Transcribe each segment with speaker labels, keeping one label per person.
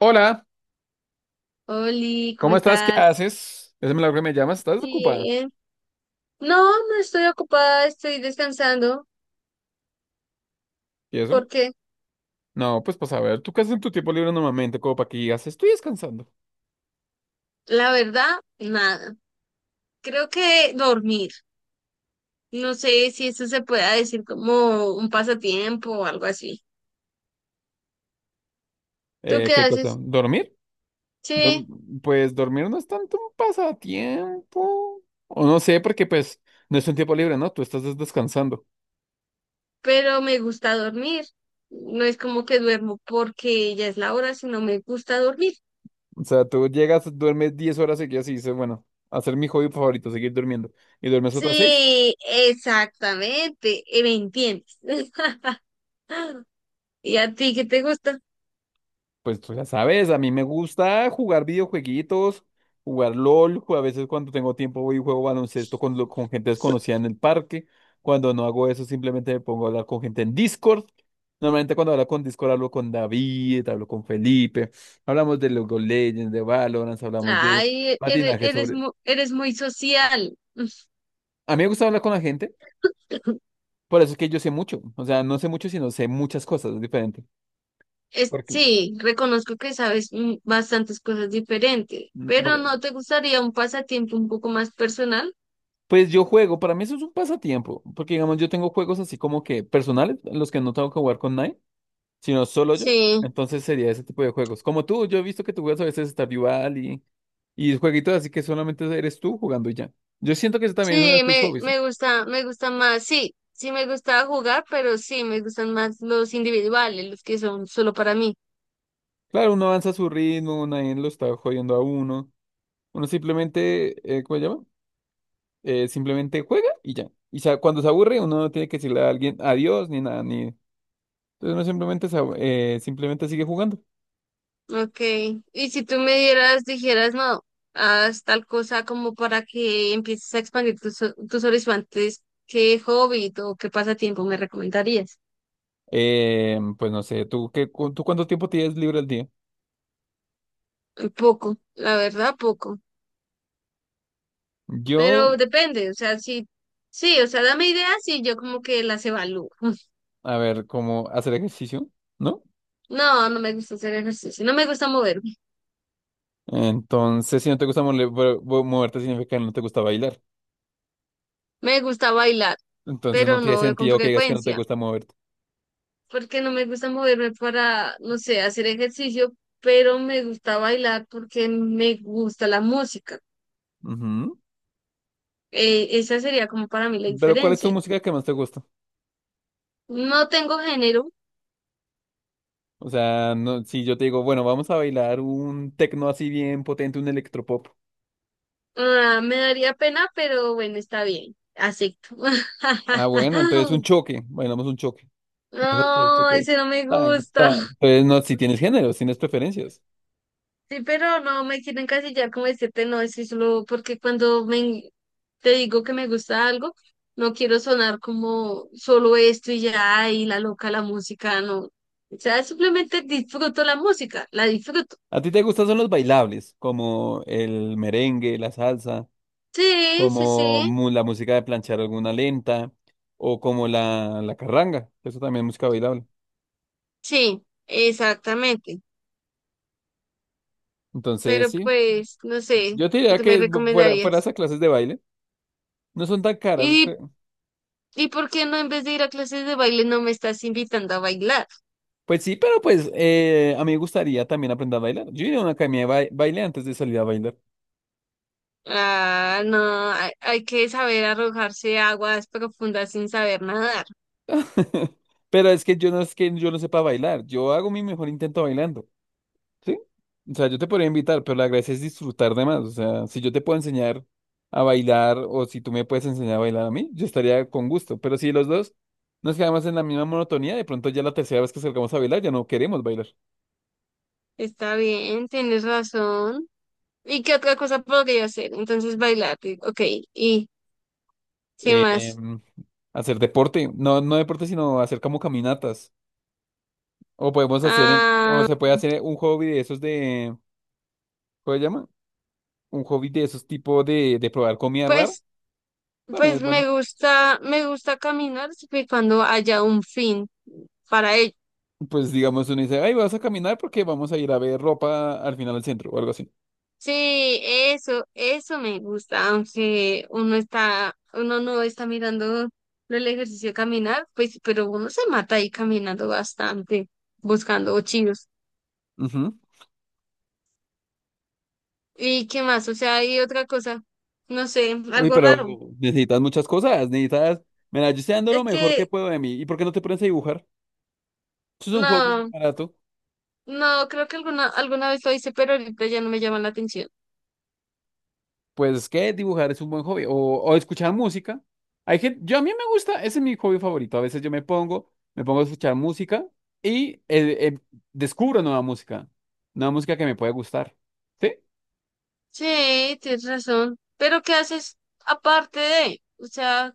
Speaker 1: Hola,
Speaker 2: Oli, ¿cómo
Speaker 1: ¿cómo estás? ¿Qué
Speaker 2: estás?
Speaker 1: haces? Es milagro que me llamas, ¿estás desocupada?
Speaker 2: Bien. No, no estoy ocupada, estoy descansando
Speaker 1: ¿Y eso?
Speaker 2: porque
Speaker 1: No, pues para saber, ¿tú qué haces en tu tiempo libre normalmente? Como para que digas, estoy descansando.
Speaker 2: la verdad, nada. Creo que dormir. No sé si eso se pueda decir como un pasatiempo o algo así. ¿Tú qué
Speaker 1: ¿Qué cosa?
Speaker 2: haces?
Speaker 1: ¿Dormir?
Speaker 2: Sí,
Speaker 1: Dorm- Pues dormir no es tanto un pasatiempo. O no sé, porque pues no es un tiempo libre, ¿no? Tú estás descansando.
Speaker 2: pero me gusta dormir. No es como que duermo porque ya es la hora, sino me gusta dormir.
Speaker 1: O sea, tú llegas, duermes 10 horas seguidas y dices, bueno, hacer mi hobby favorito, seguir durmiendo. Y duermes otras 6.
Speaker 2: Sí, exactamente. ¿Me entiendes? ¿Y a ti qué te gusta?
Speaker 1: Pues tú ya sabes, a mí me gusta jugar videojueguitos, jugar LOL, a veces cuando tengo tiempo voy y juego baloncesto con, con gente desconocida en el parque. Cuando no hago eso, simplemente me pongo a hablar con gente en Discord. Normalmente cuando hablo con Discord hablo con David, hablo con Felipe, hablamos de League of Legends, de Valorant, hablamos de
Speaker 2: Ay,
Speaker 1: patinaje sobre...
Speaker 2: eres muy social.
Speaker 1: A mí me gusta hablar con la gente, por eso es que yo sé mucho. O sea, no sé mucho, sino sé muchas cosas, es diferente.
Speaker 2: Es,
Speaker 1: Porque,
Speaker 2: sí, reconozco que sabes mm, bastantes cosas diferentes, pero
Speaker 1: bueno,
Speaker 2: ¿no te gustaría un pasatiempo un poco más personal?
Speaker 1: pues yo juego, para mí eso es un pasatiempo, porque digamos yo tengo juegos así como que personales, en los que no tengo que jugar con nadie, sino solo yo.
Speaker 2: Sí,
Speaker 1: Entonces sería ese tipo de juegos. Como tú, yo he visto que tú juegas a veces Stardew Valley y jueguitos así que solamente eres tú jugando y ya. Yo siento que eso también es uno de
Speaker 2: sí,
Speaker 1: tus hobbies, ¿no?
Speaker 2: me gusta más, sí, sí me gusta jugar, pero sí, me gustan más los individuales, los que son solo para mí.
Speaker 1: Claro, uno avanza a su ritmo, nadie lo está jodiendo a uno. Uno simplemente, ¿cómo se llama? Simplemente juega y ya. Y cuando se aburre, uno no tiene que decirle a alguien adiós ni nada, ni... Entonces uno simplemente, simplemente sigue jugando.
Speaker 2: Okay. Y si tú me dieras, dijeras, no, haz tal cosa como para que empieces a expandir tus, tus horizontes, ¿qué hobby o qué pasatiempo me recomendarías?
Speaker 1: Pues no sé, ¿tú, tú cuánto tiempo tienes libre al día?
Speaker 2: Poco, la verdad, poco.
Speaker 1: Yo,
Speaker 2: Pero depende, o sea, sí, sí, o sea, dame ideas y yo como que las evalúo.
Speaker 1: a ver, como hacer ejercicio, ¿no?
Speaker 2: No, no me gusta hacer ejercicio, no me gusta moverme,
Speaker 1: Entonces, si no te gusta moverte, significa que no te gusta bailar.
Speaker 2: me gusta bailar,
Speaker 1: Entonces, no
Speaker 2: pero
Speaker 1: tiene
Speaker 2: no con
Speaker 1: sentido que digas que no te
Speaker 2: frecuencia,
Speaker 1: gusta moverte.
Speaker 2: porque no me gusta moverme para, no sé, hacer ejercicio, pero me gusta bailar porque me gusta la música.
Speaker 1: Ujú.
Speaker 2: Esa sería como para mí la
Speaker 1: Pero, ¿cuál es tu
Speaker 2: diferencia.
Speaker 1: música que más te gusta?
Speaker 2: No tengo género,
Speaker 1: O sea, no, si yo te digo, bueno, vamos a bailar un tecno así bien potente, un electropop.
Speaker 2: ah, me daría pena, pero bueno, está bien, acepto.
Speaker 1: Ah, bueno, entonces un choque. Bailamos un choque. Vas a hacer
Speaker 2: No,
Speaker 1: choque.
Speaker 2: ese no me
Speaker 1: Tac,
Speaker 2: gusta.
Speaker 1: tac. Entonces, no, si tienes géneros, tienes preferencias.
Speaker 2: Sí, pero no me quiero encasillar como decirte no, es que solo porque cuando me, te digo que me gusta algo, no quiero sonar como solo esto y ya, y la loca la música, no. O sea, simplemente disfruto la música, la disfruto.
Speaker 1: ¿A ti te gustan son los bailables, como el merengue, la salsa,
Speaker 2: Sí, sí,
Speaker 1: como
Speaker 2: sí,
Speaker 1: la música de planchar alguna lenta, o como la carranga, que eso también es música bailable.
Speaker 2: sí, exactamente.
Speaker 1: Entonces,
Speaker 2: Pero
Speaker 1: sí,
Speaker 2: pues, no sé,
Speaker 1: yo te diría
Speaker 2: ¿tú me
Speaker 1: que fuera
Speaker 2: recomendarías?
Speaker 1: esas clases de baile, no son tan caras,
Speaker 2: ¿Y,
Speaker 1: creo.
Speaker 2: y por qué no, en vez de ir a clases de baile, no me estás invitando a bailar?
Speaker 1: Pues sí, pero pues a mí me gustaría también aprender a bailar. Yo iría a una academia de baile antes de salir a bailar.
Speaker 2: Ah, no, hay que saber arrojarse a aguas profundas sin saber nadar.
Speaker 1: Pero es que yo no, es que yo no sepa bailar, yo hago mi mejor intento bailando. Sí, o sea, yo te podría invitar, pero la gracia es disfrutar de más. O sea, si yo te puedo enseñar a bailar o si tú me puedes enseñar a bailar a mí, yo estaría con gusto. Pero si los dos nos quedamos en la misma monotonía, de pronto ya la tercera vez que salgamos a bailar ya no queremos bailar.
Speaker 2: Está bien, tienes razón. ¿Y qué otra cosa podría hacer? Entonces bailar, y- ok. ¿Y qué
Speaker 1: Eh,
Speaker 2: más?
Speaker 1: hacer deporte, no, no deporte, sino hacer como caminatas. O podemos hacer, o
Speaker 2: Ah,
Speaker 1: se puede hacer un hobby de esos de, ¿cómo se llama? Un hobby de esos tipo de probar comida rara.
Speaker 2: pues,
Speaker 1: También
Speaker 2: pues
Speaker 1: es bueno.
Speaker 2: me gusta caminar siempre y cuando haya un fin para ello.
Speaker 1: Pues digamos, uno dice, ay, vas a caminar porque vamos a ir a ver ropa al final del centro o algo así.
Speaker 2: Sí, eso me gusta, aunque uno está, uno no está mirando el ejercicio de caminar, pues, pero uno se mata ahí caminando bastante, buscando chidos.
Speaker 1: Ujú.
Speaker 2: ¿Y qué más? O sea, hay otra cosa, no sé,
Speaker 1: Uy,
Speaker 2: algo
Speaker 1: pero
Speaker 2: raro.
Speaker 1: necesitas muchas cosas, necesitas, mira, yo estoy dando lo
Speaker 2: Es
Speaker 1: mejor que
Speaker 2: que
Speaker 1: puedo de mí. ¿Y por qué no te pones a dibujar? Eso es un hobby
Speaker 2: no,
Speaker 1: barato.
Speaker 2: no, creo que alguna, alguna vez lo hice, pero ahorita ya no me llama la atención.
Speaker 1: Pues que dibujar es un buen hobby. O escuchar música. Hay gente, yo a mí me gusta, ese es mi hobby favorito. A veces yo me pongo a escuchar música y descubro nueva música. Nueva música que me puede gustar. ¿Sí?
Speaker 2: Sí, tienes razón. Pero ¿qué haces aparte de? O sea,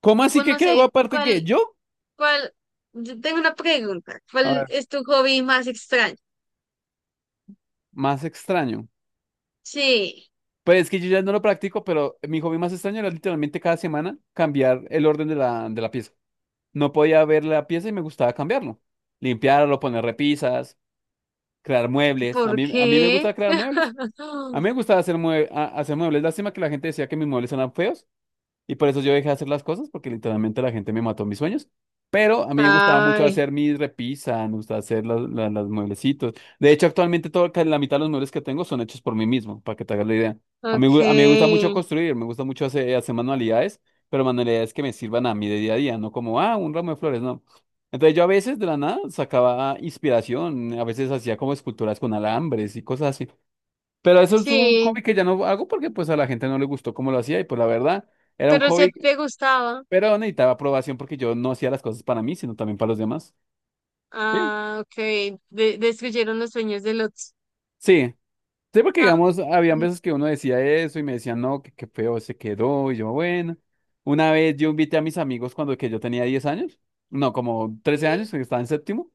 Speaker 1: ¿Cómo así
Speaker 2: pues
Speaker 1: que
Speaker 2: no
Speaker 1: qué hago
Speaker 2: sé,
Speaker 1: aparte que
Speaker 2: ¿cuál?
Speaker 1: yo?
Speaker 2: ¿Cuál? Yo tengo una pregunta.
Speaker 1: A
Speaker 2: ¿Cuál
Speaker 1: ver,
Speaker 2: es tu hobby más extraño?
Speaker 1: más extraño.
Speaker 2: Sí.
Speaker 1: Pues es que yo ya no lo practico, pero mi hobby más extraño era literalmente cada semana cambiar el orden de la pieza. No podía ver la pieza y me gustaba cambiarlo. Limpiarlo, poner repisas, crear muebles.
Speaker 2: ¿Por
Speaker 1: A mí me
Speaker 2: qué?
Speaker 1: gusta crear muebles. A mí me gustaba hacer, hacer muebles. Lástima que la gente decía que mis muebles eran feos. Y por eso yo dejé de hacer las cosas, porque literalmente la gente me mató mis sueños. Pero a mí me gustaba mucho
Speaker 2: Ay,
Speaker 1: hacer mis repisas, me gustaba hacer las mueblecitos. De hecho, actualmente todo, casi la mitad de los muebles que tengo son hechos por mí mismo, para que te hagas la idea. A mí me gusta
Speaker 2: ok.
Speaker 1: mucho construir, me gusta mucho hacer, hacer manualidades, pero manualidades que me sirvan a mí de día a día, no como, ah, un ramo de flores, no. Entonces yo a veces de la nada sacaba inspiración, a veces hacía como esculturas con alambres y cosas así. Pero eso es un
Speaker 2: Sí,
Speaker 1: hobby que ya no hago porque pues a la gente no le gustó cómo lo hacía y pues la verdad. Era un
Speaker 2: pero si a
Speaker 1: hobby
Speaker 2: ti te gustaba.
Speaker 1: pero necesitaba aprobación porque yo no hacía las cosas para mí, sino también para los demás. Sí.
Speaker 2: Ah, ok. De destruyeron los sueños del otro.
Speaker 1: Sí, sí, porque
Speaker 2: Ah,
Speaker 1: digamos, habían veces que uno decía eso y me decían, no, que qué feo se quedó. Y yo, bueno. Una vez yo invité a mis amigos cuando que yo tenía 10 años, no, como 13 años,
Speaker 2: sí,
Speaker 1: que estaba en séptimo,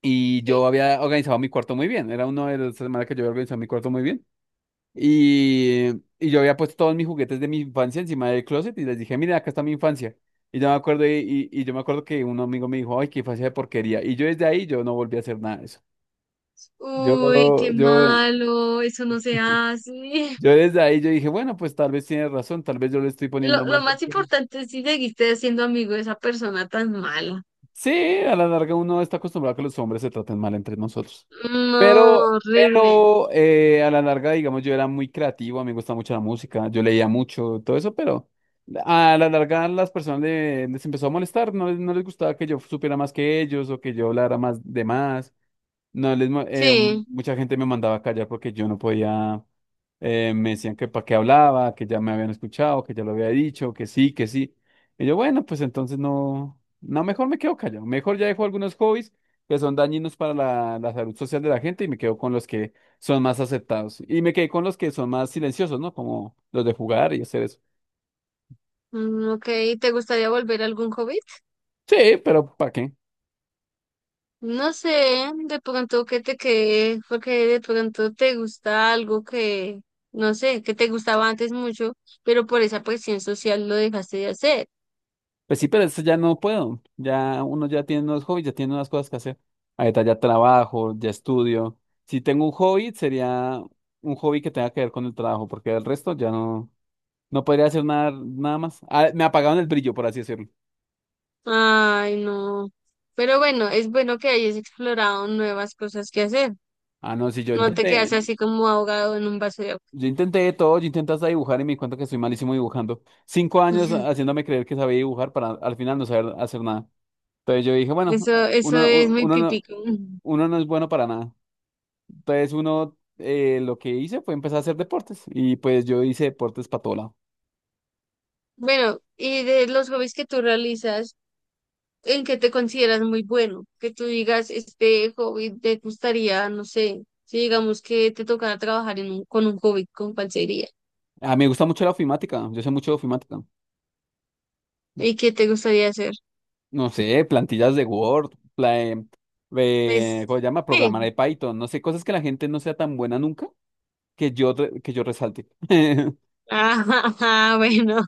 Speaker 1: y yo
Speaker 2: sí.
Speaker 1: había organizado mi cuarto muy bien. Era uno de las semanas que yo había organizado mi cuarto muy bien. Y, y yo había puesto todos mis juguetes de mi infancia encima del closet y les dije, miren, acá está mi infancia. Y yo me acuerdo, y yo me acuerdo que un amigo me dijo, ay, qué infancia de porquería. Y yo desde ahí yo no volví a hacer nada de eso. Yo,
Speaker 2: Uy, qué
Speaker 1: yo,
Speaker 2: malo. Eso no se hace.
Speaker 1: yo desde ahí yo dije, bueno, pues tal vez tiene razón, tal vez yo le estoy poniendo más.
Speaker 2: Lo más importante es si seguiste siendo amigo de esa persona tan mala.
Speaker 1: Sí, a la larga uno está acostumbrado a que los hombres se traten mal entre nosotros.
Speaker 2: No,
Speaker 1: Pero,
Speaker 2: horrible.
Speaker 1: pero eh, a la larga, digamos, yo era muy creativo, a mí me gusta mucho la música, yo leía mucho, todo eso, pero a la larga las personas les empezó a molestar, no, no les gustaba que yo supiera más que ellos o que yo hablara más de más. No,
Speaker 2: Sí.
Speaker 1: mucha gente me mandaba a callar porque yo no podía, me decían que para qué hablaba, que ya me habían escuchado, que ya lo había dicho, que sí, que sí. Y yo, bueno, pues entonces no, no, mejor me quedo callado, mejor ya dejo algunos hobbies que son dañinos para la salud social de la gente y me quedo con los que son más aceptados. Y me quedé con los que son más silenciosos, ¿no? Como los de jugar y hacer eso.
Speaker 2: Mm, ok, ¿te gustaría volver a algún hobby?
Speaker 1: Sí, pero ¿para qué?
Speaker 2: No sé, de pronto que te quede, porque de pronto te gusta algo que, no sé, que te gustaba antes mucho, pero por esa presión social lo dejaste de hacer.
Speaker 1: Pues sí, pero eso ya no puedo. Ya uno ya tiene unos hobbies, ya tiene unas cosas que hacer. Ahorita ya trabajo, ya estudio. Si tengo un hobby, sería un hobby que tenga que ver con el trabajo, porque el resto ya no, no podría hacer nada, nada más. Ah, me apagaron el brillo, por así decirlo.
Speaker 2: Ay, no. Pero bueno, es bueno que hayas explorado nuevas cosas que hacer.
Speaker 1: Ah, no, si yo
Speaker 2: No te
Speaker 1: intenté,
Speaker 2: quedas así como ahogado en un vaso de agua.
Speaker 1: yo intenté de todo, yo intenté hasta dibujar y me di cuenta que soy malísimo dibujando. 5 años haciéndome creer que sabía dibujar para al final no saber hacer nada. Entonces yo dije, bueno,
Speaker 2: Eso
Speaker 1: uno,
Speaker 2: es
Speaker 1: uno,
Speaker 2: muy
Speaker 1: uno no
Speaker 2: típico.
Speaker 1: uno no es bueno para nada. Entonces uno lo que hice fue empezar a hacer deportes y pues yo hice deportes para todo lado.
Speaker 2: Bueno, y de los hobbies que tú realizas, en qué te consideras muy bueno, que tú digas, este hobby te gustaría, no sé, si digamos que te tocara trabajar en un, con un hobby, con pancería,
Speaker 1: Ah, me gusta mucho la ofimática, yo sé mucho de ofimática.
Speaker 2: y qué te gustaría hacer.
Speaker 1: No sé, plantillas de Word,
Speaker 2: Pues
Speaker 1: ¿cómo se llama? Programar
Speaker 2: sí,
Speaker 1: de Python, no sé, cosas que la gente no sea tan buena nunca que yo, que yo resalte.
Speaker 2: ah, bueno,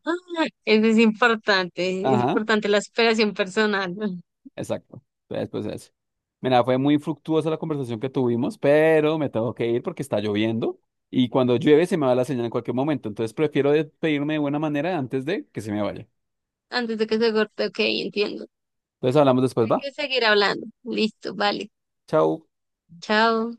Speaker 2: eso es
Speaker 1: Ajá.
Speaker 2: importante la superación personal, ¿no?
Speaker 1: Exacto. Entonces, pues eso. Mira, fue muy fructuosa la conversación que tuvimos, pero me tengo que ir porque está lloviendo y cuando llueve se me va la señal en cualquier momento. Entonces prefiero despedirme de buena manera antes de que se me vaya.
Speaker 2: Antes de que se corte, ok, entiendo.
Speaker 1: Entonces hablamos después,
Speaker 2: Hay
Speaker 1: ¿va?
Speaker 2: que seguir hablando, listo, vale,
Speaker 1: Chao.
Speaker 2: chao.